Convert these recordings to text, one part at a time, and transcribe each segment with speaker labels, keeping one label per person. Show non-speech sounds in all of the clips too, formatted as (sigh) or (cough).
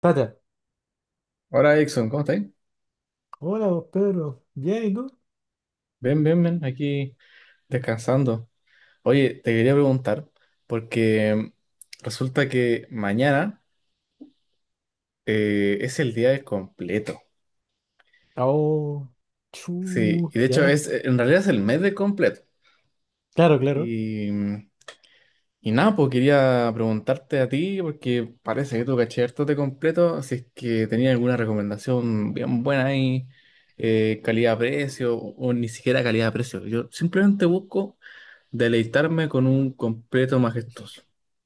Speaker 1: Tata,
Speaker 2: Hola, Exxon, ¿cómo estáis?
Speaker 1: hola vos, Pedro, bien, ¿y tú?
Speaker 2: Ven, ven, ven, aquí. Descansando. Oye, te quería preguntar, porque resulta que mañana es el día del completo.
Speaker 1: Oh,
Speaker 2: Sí,
Speaker 1: chu,
Speaker 2: y de hecho
Speaker 1: ya,
Speaker 2: es, en realidad es el mes del completo.
Speaker 1: claro, claro,
Speaker 2: Y nada, pues quería preguntarte a ti, porque parece que tú caché harto de completo, si es que tenías alguna recomendación bien buena ahí, calidad-precio, o ni siquiera calidad-precio. Yo simplemente busco deleitarme con un completo majestuoso.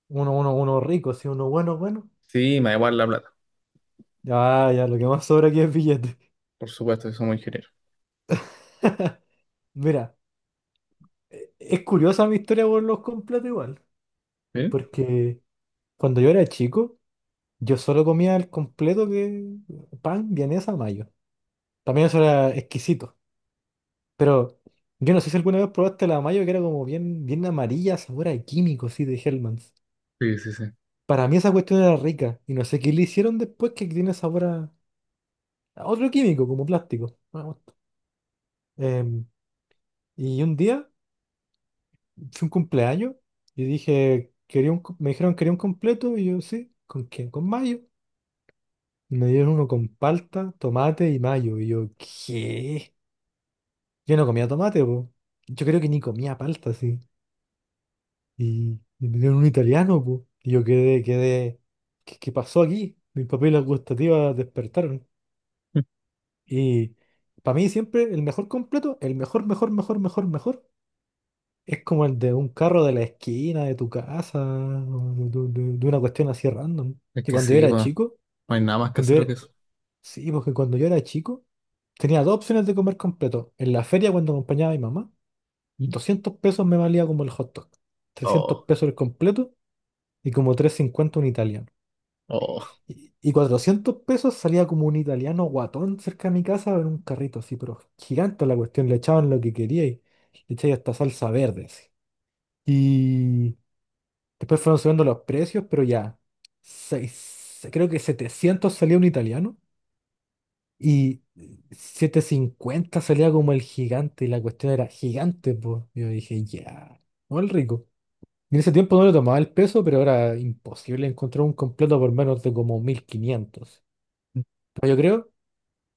Speaker 1: uno rico, sí, uno bueno, bueno,
Speaker 2: Sí, me da igual la plata.
Speaker 1: ya, ya, lo que más sobra aquí es billete.
Speaker 2: Por supuesto que somos ingenieros.
Speaker 1: (laughs) Mira, es curiosa mi historia por los completos igual,
Speaker 2: ¿Eh?
Speaker 1: porque cuando yo era chico, yo solo comía el completo que pan, vienesa, mayo, también eso era exquisito. Pero yo no sé si alguna vez probaste la mayo que era como bien, bien amarilla, sabor a químico, sí, de Hellman.
Speaker 2: Sí, sí, sí.
Speaker 1: Para mí esa cuestión era rica y no sé qué le hicieron después, que tiene sabor a otro químico, como plástico. Una bosta. Em, y un día fue un cumpleaños y dije, quería un, me dijeron, quería un completo, y yo sí, ¿con quién? Con mayo. Y me dieron uno con palta, tomate y mayo. Y yo, ¿qué? Yo no comía tomate, po. Yo creo que ni comía palta, sí. Y me dieron un italiano, po. Y yo quedé. ¿Qué pasó aquí? Mis papilas gustativas despertaron.
Speaker 2: (laughs)
Speaker 1: Y para mí siempre el mejor completo, el mejor, mejor, mejor, mejor, mejor, es como el de un carro de la esquina de tu casa, o de una cuestión así random.
Speaker 2: Es
Speaker 1: Que
Speaker 2: que
Speaker 1: cuando yo
Speaker 2: sí,
Speaker 1: era
Speaker 2: bueno,
Speaker 1: chico,
Speaker 2: no hay nada más
Speaker 1: cuando yo
Speaker 2: casero
Speaker 1: era-
Speaker 2: que eso.
Speaker 1: sí, porque cuando yo era chico, tenía dos opciones de comer completo. En la feria, cuando acompañaba a mi mamá,
Speaker 2: ¿Mm?
Speaker 1: 200 pesos me valía como el hot dog, trescientos
Speaker 2: Oh,
Speaker 1: pesos el completo y como 350 un italiano.
Speaker 2: oh.
Speaker 1: Y 400 pesos salía como un italiano guatón cerca de mi casa en un carrito así, pero gigante la cuestión, le echaban lo que quería y le echaban hasta salsa verde. Así. Y después fueron subiendo los precios, pero ya, creo que 700 salía un italiano y 750 salía como el gigante, y la cuestión era gigante, pues. Yo dije, ya, no el rico. Y en ese tiempo no le tomaba el peso, pero era imposible encontrar un completo por menos de como 1500. Pero yo creo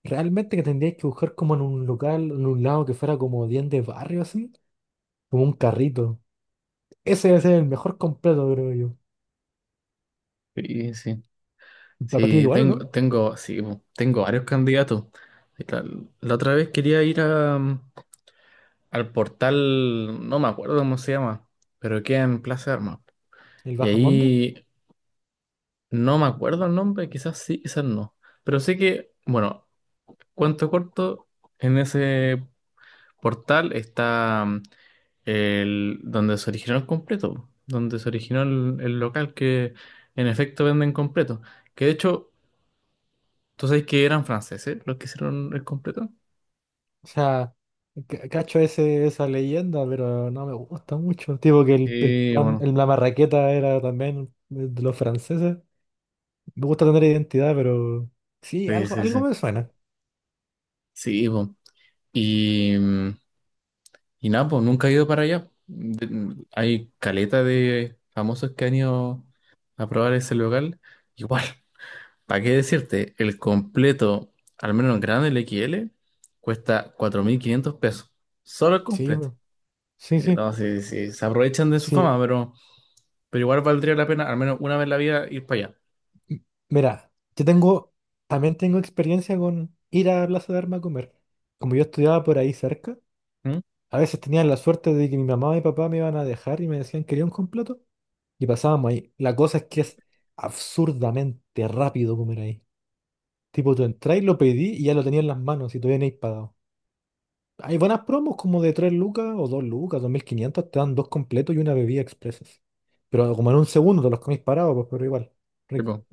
Speaker 1: realmente que tendríais que buscar como en un local, en un lado que fuera como bien de barrio, así, como un carrito. Ese debe ser el mejor completo, creo yo.
Speaker 2: Sí, sí.
Speaker 1: Para ti
Speaker 2: Sí,
Speaker 1: igual, ¿o no?
Speaker 2: tengo, sí, po, tengo varios candidatos. La la otra vez quería ir a, al portal, no me acuerdo cómo se llama, pero queda en Plaza de Armas.
Speaker 1: El
Speaker 2: Y
Speaker 1: Bajamonde.
Speaker 2: ahí no me acuerdo el nombre, quizás sí, quizás no. Pero sé que, bueno, cuento corto, en ese portal está, el donde se originó el completo, donde se originó el local que en efecto venden completo. Que de hecho, tú sabes que eran franceses los que hicieron el completo.
Speaker 1: O sea, cacho ese, esa leyenda, pero no me gusta mucho. Tipo que el
Speaker 2: Sí,
Speaker 1: pan,
Speaker 2: bueno,
Speaker 1: la marraqueta era también de los franceses. Me gusta tener identidad, pero sí,
Speaker 2: sí,
Speaker 1: algo,
Speaker 2: sí,
Speaker 1: algo
Speaker 2: sí.
Speaker 1: me suena.
Speaker 2: Sí, po. Y, y nada, pues nunca he ido para allá. De- hay caleta de famosos que han ido a probar ese local. Igual. ¿Para qué decirte? El completo, al menos en grande, el XL, cuesta 4.500 pesos. Solo el
Speaker 1: Sí,
Speaker 2: completo.
Speaker 1: bro. Sí, sí.
Speaker 2: No, si se aprovechan de su
Speaker 1: Sí.
Speaker 2: fama, pero igual valdría la pena, al menos una vez en la vida, ir para allá.
Speaker 1: Mira, también tengo experiencia con ir a Plaza de Armas a comer. Como yo estudiaba por ahí cerca,
Speaker 2: ¿Mm?
Speaker 1: a veces tenía la suerte de que mi mamá y mi papá me iban a dejar y me decían, ¿quería un completo? Y pasábamos ahí. La cosa es que es absurdamente rápido comer ahí. Tipo, tú entrás y lo pedí y ya lo tenía en las manos y todavía no hay pagado. Hay buenas promos como de 3 lucas o 2 lucas, 2500 te dan dos completos y una bebida, expresas. Pero como en un segundo te los comís parados, pues, pero igual, rico.
Speaker 2: Tipo,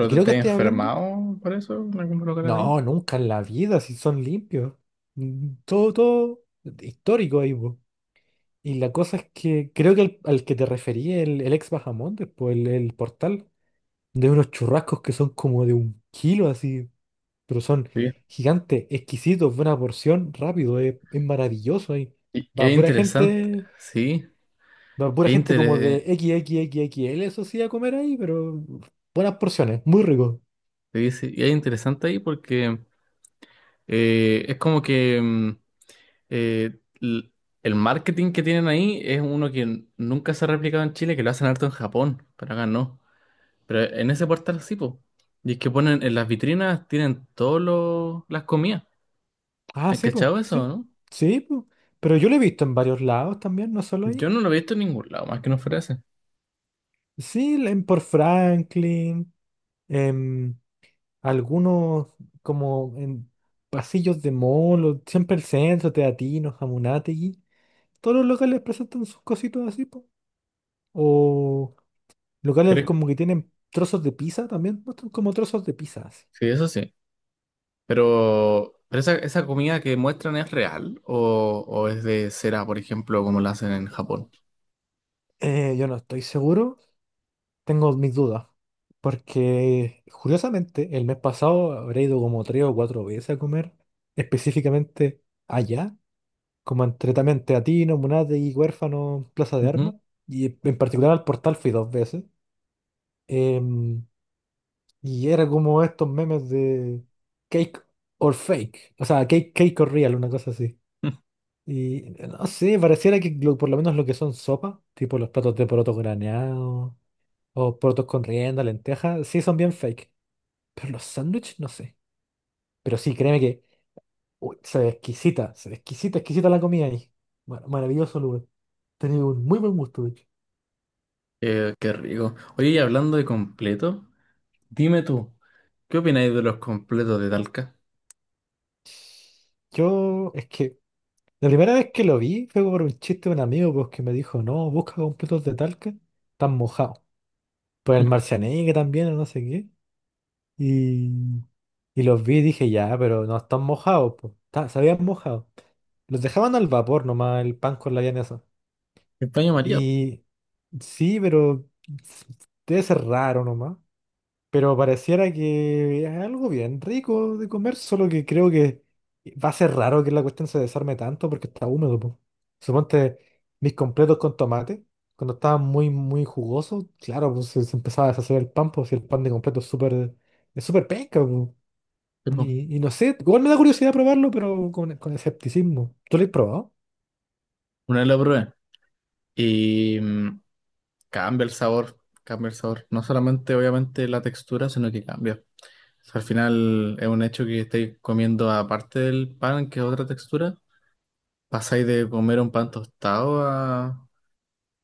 Speaker 1: Y
Speaker 2: te,
Speaker 1: creo que
Speaker 2: te
Speaker 1: estoy hablando.
Speaker 2: enfermado por eso en algún lugar ahí?
Speaker 1: No, nunca en la vida, si son limpios. Todo histórico ahí, po. Y la cosa es que creo que al que te referí, el ex Bajamontes, pues el portal, de unos churrascos que son como de un kilo así, pero son
Speaker 2: Sí.
Speaker 1: gigantes, exquisitos, buena porción, rápido, es maravilloso ahí.
Speaker 2: Y es
Speaker 1: Va pura
Speaker 2: interesante,
Speaker 1: gente,
Speaker 2: sí,
Speaker 1: va pura
Speaker 2: es,
Speaker 1: gente como de XXXXL, eso sí, a comer ahí, pero buenas porciones, muy rico.
Speaker 2: sí, sí, y es interesante ahí porque es como que, eh, l- el marketing que tienen ahí es uno que nunca se ha replicado en Chile, que lo hacen harto en Japón, pero acá no. Pero en ese portal sí, po. Y es que ponen en las vitrinas, tienen todas las comidas.
Speaker 1: Ah,
Speaker 2: ¿Has
Speaker 1: sí, pues,
Speaker 2: cachado eso,
Speaker 1: sí.
Speaker 2: no?
Speaker 1: Sí, pues. Pero yo lo he visto en varios lados también, no solo
Speaker 2: Yo
Speaker 1: ahí.
Speaker 2: no lo he visto en ningún lado, más que no fuera ese.
Speaker 1: Sí, en por Franklin, en algunos, como en pasillos de mall, siempre el centro, Teatinos, Jamunategui. Todos los locales presentan sus cositas así, pues. O
Speaker 2: Pero,
Speaker 1: locales como que tienen trozos de pizza también, muestran como trozos de pizza así.
Speaker 2: sí, eso sí. ¿Pero esa comida que muestran es real o es de cera, por ejemplo, como la hacen en Japón?
Speaker 1: Yo no estoy seguro. Tengo mis dudas, porque curiosamente el mes pasado habré ido como 3 o 4 veces a comer, específicamente allá, como entre también Teatino, Munate y Huérfano, Plaza de
Speaker 2: Ujú.
Speaker 1: Armas, y en particular al Portal fui 2 veces. em, y era como estos memes de cake or fake, o sea, cake, cake or real, una cosa así.
Speaker 2: (laughs)
Speaker 1: Y no sé, pareciera que por lo menos lo que son sopas, tipo los platos de porotos graneados o porotos con rienda, lentejas, sí son bien fake. Pero los sándwiches, no sé. Pero sí, créeme que uy, se ve exquisita, exquisita la comida ahí. Maravilloso lugar. Tenía un muy buen gusto, de hecho.
Speaker 2: Qué rico. Oye, y hablando de completo. Dime tú, ¿qué opináis de los completos de Talca?
Speaker 1: Yo, es que la primera vez que lo vi fue por un chiste de un amigo, pues, que me dijo, no, busca completos de Talca, están mojados. Pues el
Speaker 2: (laughs)
Speaker 1: Marcianeque también, o no sé qué. Y, y los vi y dije, ya, pero no están mojados, pues. Se habían mojado. Los dejaban al vapor nomás el pan con la eso.
Speaker 2: El paño María,
Speaker 1: Y sí, pero s- debe ser raro nomás. Pero pareciera que es algo bien rico de comer, solo que creo que va a ser raro que la cuestión se desarme tanto porque está húmedo, po. Suponte mis completos con tomate, cuando estaban muy, muy jugosos, claro, pues se empezaba a deshacer el pan, pues si el pan de completo es súper, penca, po.
Speaker 2: sí, po.
Speaker 1: Y no sé, igual me da curiosidad probarlo, pero con escepticismo. ¿Tú lo has probado?
Speaker 2: Una vez lo probé y, cambia el sabor, cambia el sabor. No solamente, obviamente, la textura, sino que cambia. O sea, al final es un hecho que estáis comiendo, aparte del pan, que es otra textura, pasáis de comer un pan tostado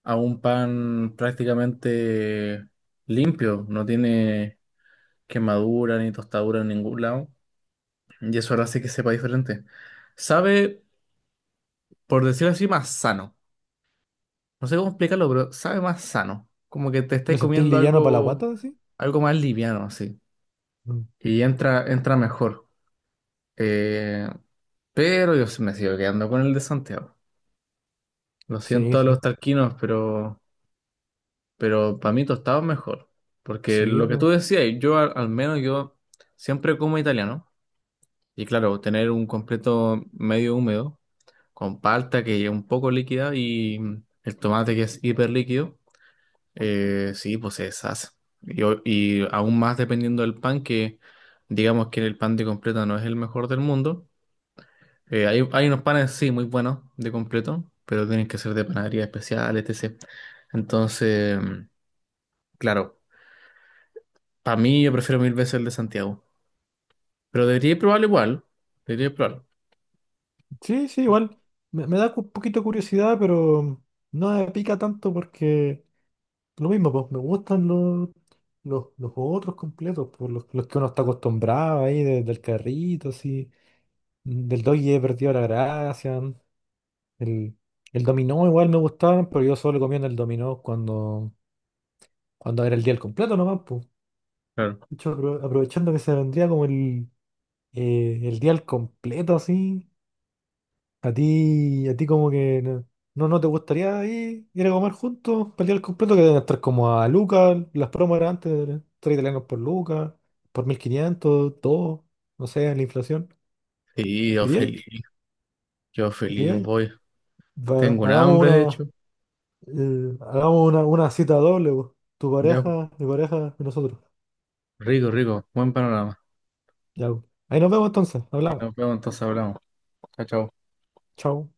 Speaker 2: a un pan prácticamente limpio. No tiene quemadura ni tostadura en ningún lado. Y eso ahora sí que sepa diferente. Sabe, por decirlo así, más sano. No sé cómo explicarlo, pero sabe más sano. Como que te estáis
Speaker 1: ¿Lo sentís
Speaker 2: comiendo
Speaker 1: liviano para la
Speaker 2: algo,
Speaker 1: guata, así?
Speaker 2: algo más liviano, así.
Speaker 1: Mm,
Speaker 2: Y entra, entra mejor. Eh, pero yo sí me sigo quedando con el de Santiago. Lo
Speaker 1: sí,
Speaker 2: siento a los
Speaker 1: sí,
Speaker 2: talquinos, pero para mí tostado es mejor. Porque
Speaker 1: sí,
Speaker 2: lo que
Speaker 1: pues.
Speaker 2: tú decías, yo al, al menos yo siempre como italiano. Y claro, tener un completo medio húmedo, con palta que es un poco líquida y el tomate que es hiper líquido. Sí, pues es sas. Y, y aún más dependiendo del pan, que digamos que el pan de completo no es el mejor del mundo. Hay, hay unos panes, sí, muy buenos de completo, pero tienen que ser de panadería especial, etc. Entonces, claro, para mí yo prefiero 1000 veces el de Santiago. Pero debería probarlo igual. Debería probarlo.
Speaker 1: Sí, sí, igual. Me da un poquito de curiosidad, pero no me pica tanto porque lo mismo, pues me gustan los otros completos, por los que uno está acostumbrado ahí, del carrito, así. Del doggy he perdido la gracia. El, el dominó igual me gustaban, pero yo solo comía en el dominó cuando era el día al completo nomás, pues.
Speaker 2: Claro.
Speaker 1: De hecho, aprovechando que se vendría como el día al completo, así. A ti como que no te gustaría ir a comer juntos, para el día del completo, que deben estar como a Lucas, las promos eran antes, tres italianos por Lucas, por 1500 todo, no sé, la inflación.
Speaker 2: Sí, yo
Speaker 1: ¿Iríais?
Speaker 2: feliz. Yo feliz
Speaker 1: ¿Iríais?
Speaker 2: voy.
Speaker 1: Va,
Speaker 2: Tengo un hambre, de hecho.
Speaker 1: hagamos una cita doble, po. Tu
Speaker 2: Ya,
Speaker 1: pareja, mi pareja y nosotros.
Speaker 2: rico, rico. Buen panorama.
Speaker 1: Ya, po. Ahí nos vemos entonces, hablamos.
Speaker 2: Nos vemos, entonces hablamos. Chao, chao.
Speaker 1: Chao.